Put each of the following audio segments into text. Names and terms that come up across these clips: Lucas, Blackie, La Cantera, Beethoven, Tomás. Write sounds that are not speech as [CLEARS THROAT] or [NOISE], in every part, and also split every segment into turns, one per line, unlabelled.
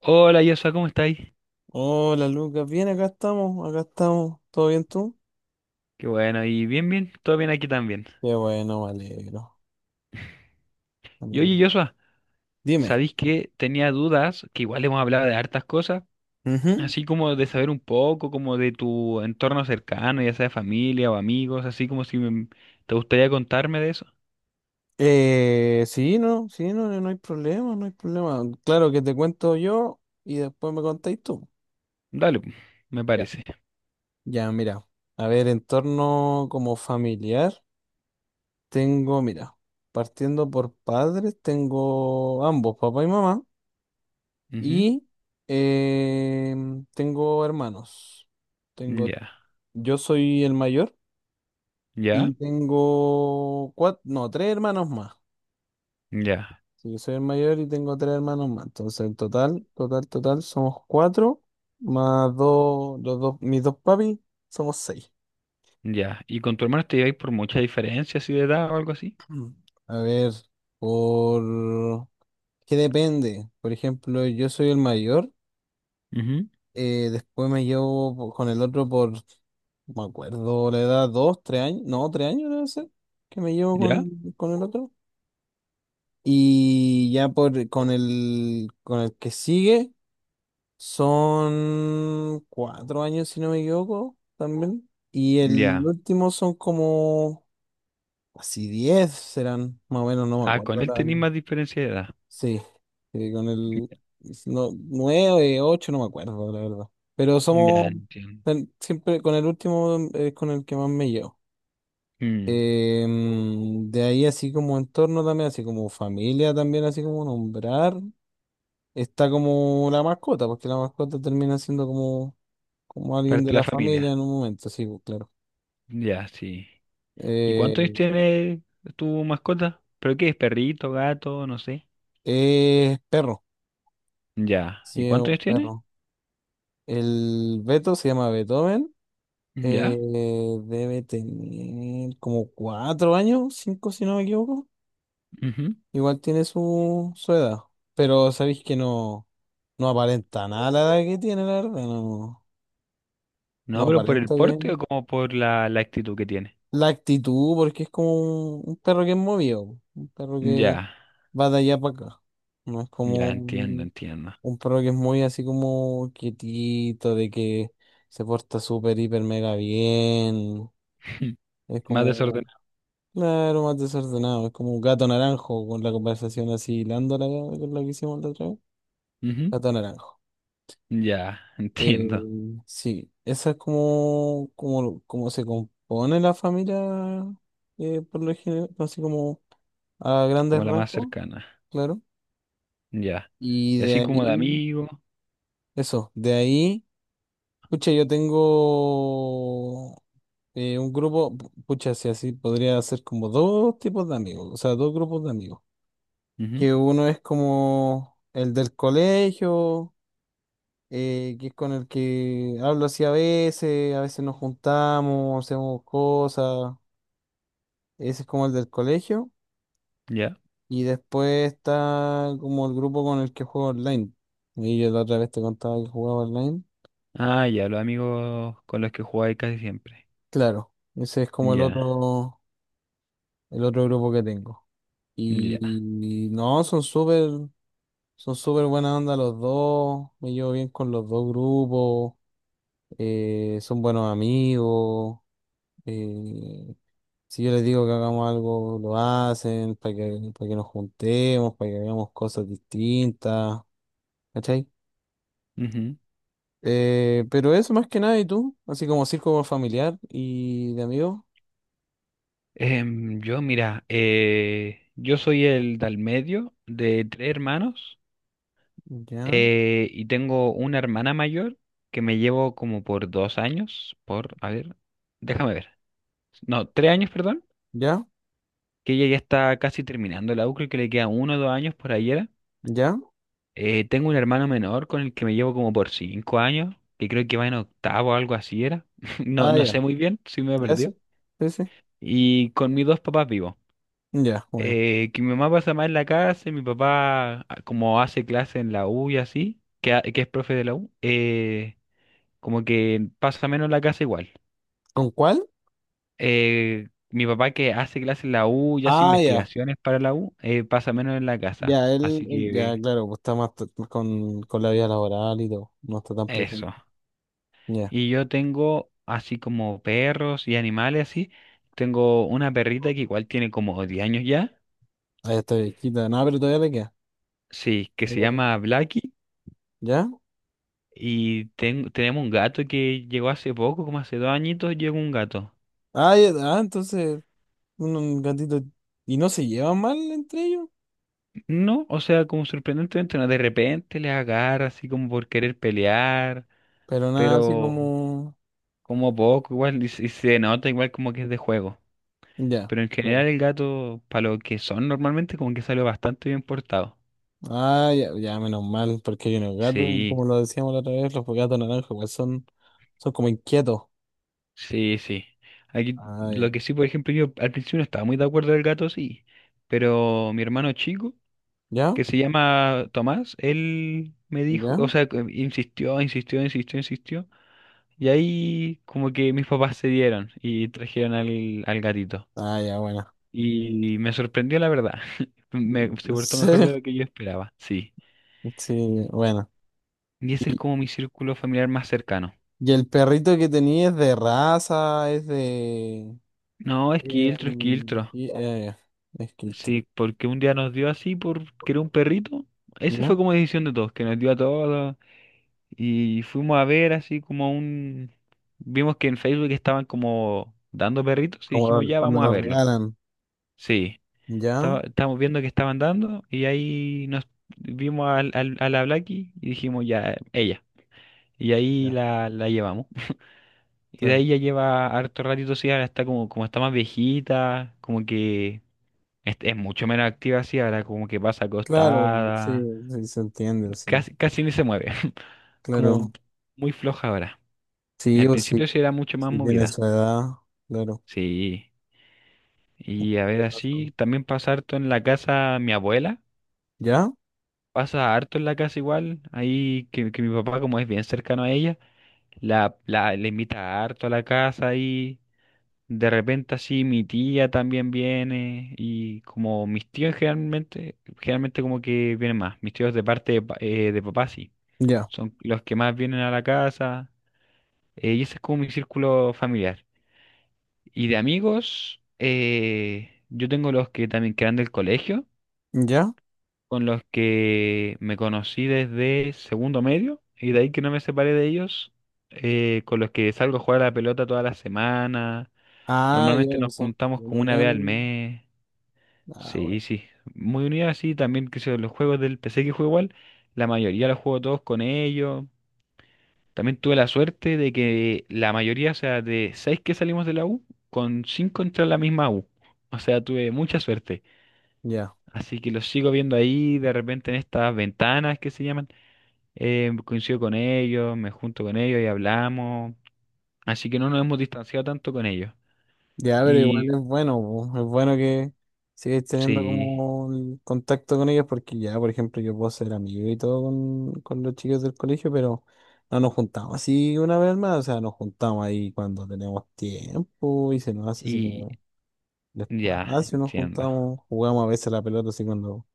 Hola Joshua, ¿cómo estáis?
Hola Lucas, bien, acá estamos, acá estamos. ¿Todo bien tú?
Qué bueno, y bien, bien, todo bien aquí también.
Qué bueno, me alegro. Me
Y
alegro.
oye Joshua,
Dime.
¿sabéis que tenía dudas, que igual hemos hablado de hartas cosas,
Ujú.
así como de saber un poco, como de tu entorno cercano, ya sea familia o amigos, así como si me- te gustaría contarme de eso?
Sí, no, sí, no, no hay problema, no hay problema. Claro que te cuento yo y después me contáis tú.
Dale, pu, me
Ya.
parece.
Ya, mira. A ver, entorno como familiar, tengo, mira, partiendo por padres, tengo ambos, papá y mamá,
Ujú.
y tengo hermanos. Tengo,
Ya,
yo soy el mayor.
ya,
Y tengo cuatro, no, tres hermanos más.
ya,
Sí, yo soy el mayor y tengo tres hermanos más. Entonces, en total, total, total, somos cuatro, más dos, los dos, mis dos papis, somos seis.
ya. ¿Y con tu hermano te lleváis por mucha diferencia así de edad o algo así?
[CLEARS THROAT] Mm. A ver, por... ¿Qué depende? Por ejemplo, yo soy el mayor,
Ujú.
después con el otro por, no me acuerdo, la edad, dos, tres años, no, tres años debe ser, que me llevo
Ya,
con el otro. Y ya por con el que sigue son cuatro años, si no me equivoco, también. Y el
ya.
último son como así diez serán, más o menos, no me
Ah, con
acuerdo.
él
La-
tenéis más diferencia de edad.
Sí, sí, con el no, nueve, ocho, no me acuerdo, la verdad. Pero
Ya,
somos
entiendo.
ten- siempre con el último es con el que más me llevo.
Mm.
De ahí así como entorno también, así como familia también, así como nombrar. Está como la mascota, porque la mascota termina siendo como, como alguien
Parte
de
de la
la familia
familia.
en un momento, sí, pues, claro.
Ya, sí. ¿Y cuántos años
Eh,
tiene tu mascota? ¿Pero qué es? ¿Perrito, gato? No sé.
es perro,
Ya. ¿Y
sí, es
cuántos
un
años tiene?
perro. El Beto se llama Beethoven, eh,
Ya.
debe tener como cuatro años, cinco si no me equivoco.
Ujú.
Igual tiene su, su edad, pero sabéis que no, no aparenta nada la edad que tiene, la verdad, no, no
No, pero por el
aparenta que...
porte o como por la actitud que tiene.
La actitud, porque es como un perro que es movido, po, un perro que
Ya,
va de allá para acá. No es como
ya entiendo, entiendo.
un perro que es muy así como quietito, de que se porta súper, hiper, mega bien.
[LAUGHS]
Es
Más
como,
desordenado.
claro, más desordenado. Es como un gato naranjo con la conversación así lándola con la que hicimos la otra vez.
Ujú.
Gato naranjo.
Ya, [LAUGHS]
Eh,
entiendo.
sí, esa es como, como, como se compone la familia, por lo general, así como. A grandes
Como la más
rasgos,
cercana.
claro.
Ya.
Y
Y
de
así como de
ahí,
amigo.
eso, de ahí, pucha, yo tengo un grupo, pu- pucha, si así podría ser como dos tipos de amigos, o sea, dos grupos de amigos.
Ujú.
Que uno es como el del colegio, que es con el que hablo así a veces nos juntamos, hacemos cosas, ese es como el del colegio.
Ya.
Y después está como el grupo con el que juego online. Y yo la otra vez te contaba que jugaba online.
Ah, ya, los amigos con los que jugáis casi siempre.
Claro, ese es como
Ya,
el otro grupo que tengo.
ya.
Y no, son súper buena onda los dos. Me llevo bien con los dos grupos. Son buenos amigos. eh, si yo les digo que hagamos algo, lo hacen para que nos juntemos, para que hagamos cosas distintas. ¿Cachai?
Ujú.
Pero eso más que nada, ¿y tú? Así como circo familiar y de amigos.
Yo, mira, yo soy el del medio de tres hermanos
Ya,
y tengo una hermana mayor que me llevo como por 2 años, por, a ver, déjame ver, no, 3 años, perdón,
ya,
que ella ya está casi terminando la U, creo que le queda 1 o 2 años por ahí era.
ya.
Tengo un hermano menor con el que me llevo como por 5 años, que creo que va en octavo o algo así era. [LAUGHS] No,
Ah,
no
ya.
sé muy bien si me
Ya,
perdió.
sí. Sí, sí.
Y con mis dos papás vivo.
Ya, bueno.
Que mi mamá pasa más en la casa y mi papá, como hace clase en la U y así, que, que es profe de la U, como que pasa menos en la casa igual.
¿Con cuál?
Mi papá que hace clase en la U y hace
Ah, ya.
investigaciones para la U, pasa menos en la casa.
Ya, él,
Así
él- Ya,
que
claro, pues está más t- con la vida laboral y todo. No está tan presente.
eso.
Ya,
Y yo tengo así como perros y animales así. Tengo una perrita que igual tiene como 10 años ya.
ahí está viejita. Nada, pero todavía le queda.
Sí, que se llama Blackie.
¿Ya?
Y tenemos un gato que llegó hace poco, como hace 2 añitos, llegó un gato.
Ah, ya, ah, entonces, un gatito. Y no se llevan mal entre ellos,
No, o sea, como sorprendentemente, no, de repente les agarra así como por querer pelear,
pero nada así
pero
como.
como poco igual, y se nota igual como que es de juego.
Ya.
Pero en general
Claro.
el gato, para lo que son normalmente, como que salió bastante bien portado.
Ah, ya, ya, menos mal, porque hay unos gatos, y
Sí,
como lo decíamos la otra vez, los gatos naranjas igual son, son como inquietos.
sí, sí. Aquí,
Ah, ya.
lo que sí, por ejemplo, yo al principio no estaba muy de acuerdo del gato, sí, pero mi hermano chico
¿Ya?
que se llama Tomás, él me dijo,
¿Ya?
o sea, que insistió, insistió, insistió, insistió. Y ahí como que mis papás se dieron y trajeron al gatito.
Ah, ya, bueno.
Y me sorprendió la verdad. [LAUGHS] Se
¿En
portó mejor
serio?
de lo que yo esperaba, sí.
Sí, bueno.
Y ese es
¿Y,
como mi círculo familiar más cercano.
y el perrito que tenía es de raza? ¿Es de...?
No, esquiltro,
Un-
esquiltro.
y- es que esto-
Sí, porque un día nos dio así porque era un perrito. Ese
¿Ya?
fue como decisión de todos, que nos dio a todos. Y fuimos a ver así como un. Vimos que en Facebook estaban como dando perritos y
Como
dijimos,
lo-
ya
cuando
vamos a
lo
verlo.
regalan.
Sí,
¿Ya?
estábamos viendo que estaban dando y ahí nos vimos a la Blackie y dijimos, ya, ella. Y ahí
Ya,
la llevamos. [LAUGHS] Y de
claro.
ahí ya lleva harto ratito, sí, ahora está como está más viejita, como que es mucho menos activa así, ahora como que pasa
Claro, sí,
acostada,
sí se entiende, sí.
casi, casi ni se mueve, [LAUGHS] como
Claro.
muy floja ahora.
Sí
Al
o sí.
principio sí era mucho más
Si tiene
movida.
su edad, claro.
Sí. Y a ver,
Razón.
así también pasa harto en la casa mi abuela.
¿Ya?
Pasa harto en la casa igual. Ahí que mi papá, como es bien cercano a ella, la invita harto a la casa y de repente así mi tía también viene. Y como mis tíos generalmente, generalmente como que vienen más. Mis tíos de parte de papá sí.
Ya.
Son los que más vienen a la casa. Y ese es como mi círculo familiar. Y de amigos, yo tengo los que también quedan del colegio,
¿Ya?
con los que me conocí desde segundo medio, y de ahí que no me separé de ellos, con los que salgo a jugar a la pelota toda la semana.
Ah, ya
Normalmente nos
son
juntamos
una
como una vez al
unión.
mes.
Ah,
Sí,
bueno.
sí. Muy unidos así, también que sé, yo, los juegos del PC que juego igual, la mayoría los juego todos con ellos. También tuve la suerte de que la mayoría, o sea, de seis que salimos de la U, con cinco entré a la misma U. O sea, tuve mucha suerte.
Ya.
Así que los sigo viendo ahí, de repente en estas ventanas que se llaman. Coincido con ellos, me junto con ellos y hablamos. Así que no nos hemos distanciado tanto con ellos.
Ya, pero igual
Y
es bueno, po. Es bueno que sigáis teniendo
sí,
como el contacto con ellos porque ya, por ejemplo, yo puedo ser amigo y todo con los chicos del colegio, pero no nos juntamos así una vez más, o sea, nos juntamos ahí cuando tenemos tiempo y se nos hace así
y
como el
ya,
espacio, nos
entiendo.
juntamos, jugamos a veces a la pelota así cuando,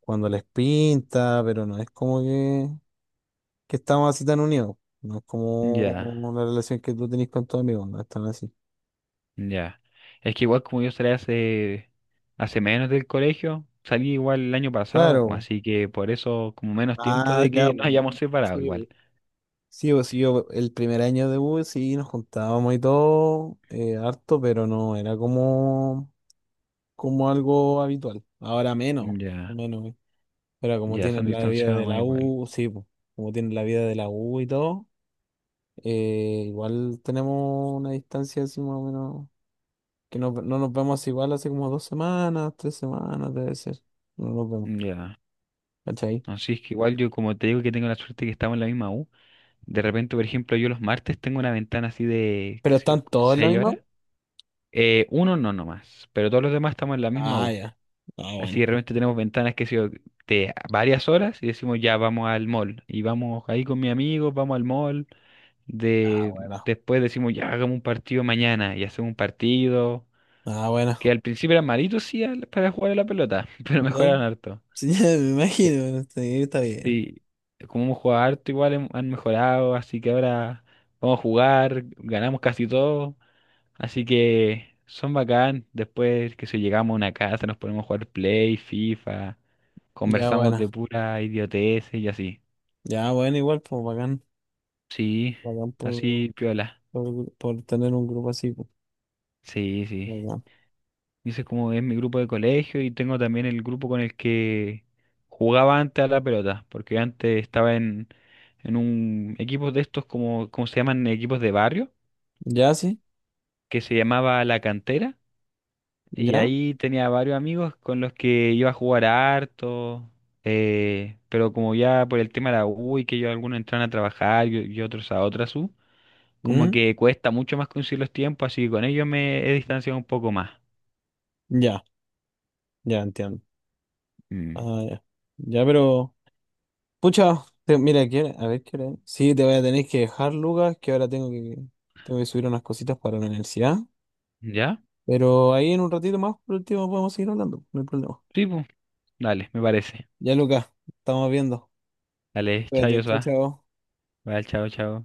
cuando les pinta, pero no es como que estamos así tan unidos. No es
Ya.
como la relación que tú tenés con tus amigos, no es tan así.
Ya. Es que igual como yo salí hace menos del colegio, salí igual el año pasado, pues,
Claro.
así que por eso como menos tiempo
Ah,
de
ya.
que nos
Bu.
hayamos separado
Sí,
igual.
bu. Sí, pues sí, yo el primer año de U E sí nos juntábamos y todo, harto, pero no era como, como algo habitual. Ahora menos, o
Ya,
menos. Pero como
ya, se han
tienen la vida
distanciado
de
más
la
igual.
U, sí, pues, como tienen la vida de la U y todo, igual tenemos una distancia así más o menos que no, no nos vemos igual hace como dos semanas, tres semanas, debe ser. No nos vemos,
Ya.
¿cachai?
Así es que igual yo como te digo que tengo la suerte que estamos en la misma U, de repente, por ejemplo, yo los martes tengo una ventana así de, qué
Pero
sé yo,
están todos en la
seis
misma.
horas. Uno no nomás, pero todos los demás estamos en la misma
Ah,
U.
ya. Ah, bueno.
Así que realmente tenemos ventanas que sé yo, de varias horas y decimos ya vamos al mall. Y vamos ahí con mis amigos, vamos al mall.
Ah,
De,
bueno.
Después decimos ya hagamos un partido mañana y hacemos un partido.
Ah, bueno.
Que al principio eran malitos sí para jugar a la pelota, [LAUGHS] pero
Ya.
mejoraron harto.
Sí, [LAUGHS] ya me
Ya.
imagino. Sí, está bien.
Sí, como hemos jugado harto igual han mejorado, así que ahora vamos a jugar, ganamos casi todo. Así que son bacán. Después que si llegamos a una casa, nos ponemos a jugar Play, FIFA,
Ya,
conversamos
bueno.
de pura idiotez y así.
Ya, bueno, igual, pues bacán.
Sí,
Bacán
así piola.
por tener un grupo así. Pues,
Sí, sí.
bacán.
Dice como es mi grupo de colegio y tengo también el grupo con el que jugaba antes a la pelota, porque antes estaba en un equipo de estos como se llaman equipos de barrio,
Ya, sí.
que se llamaba La Cantera. Y
Ya.
ahí tenía varios amigos con los que iba a jugar harto, pero como ya por el tema de la U y que yo algunos entran a trabajar y otros a otras U, como
Mm.
que cuesta mucho más conseguir los tiempos, así que con ellos me he distanciado un poco más.
Ya. Ya, entiendo.
Mm.
Ah, ya. Ya, pero. Pucha, te- mira, ¿qué hora- a ver qué hora es? Sí, te voy a tener que dejar, Lucas, que ahora tengo que subir unas cositas para la universidad.
¿Ya?
Pero ahí en un ratito más, por último, podemos seguir hablando, no hay problema.
Sí, pues, dale, me parece.
Ya, Lucas, estamos viendo.
Dale, chao,
Cuídate, chao,
Joshua.
chao.
Vale, chao, chao.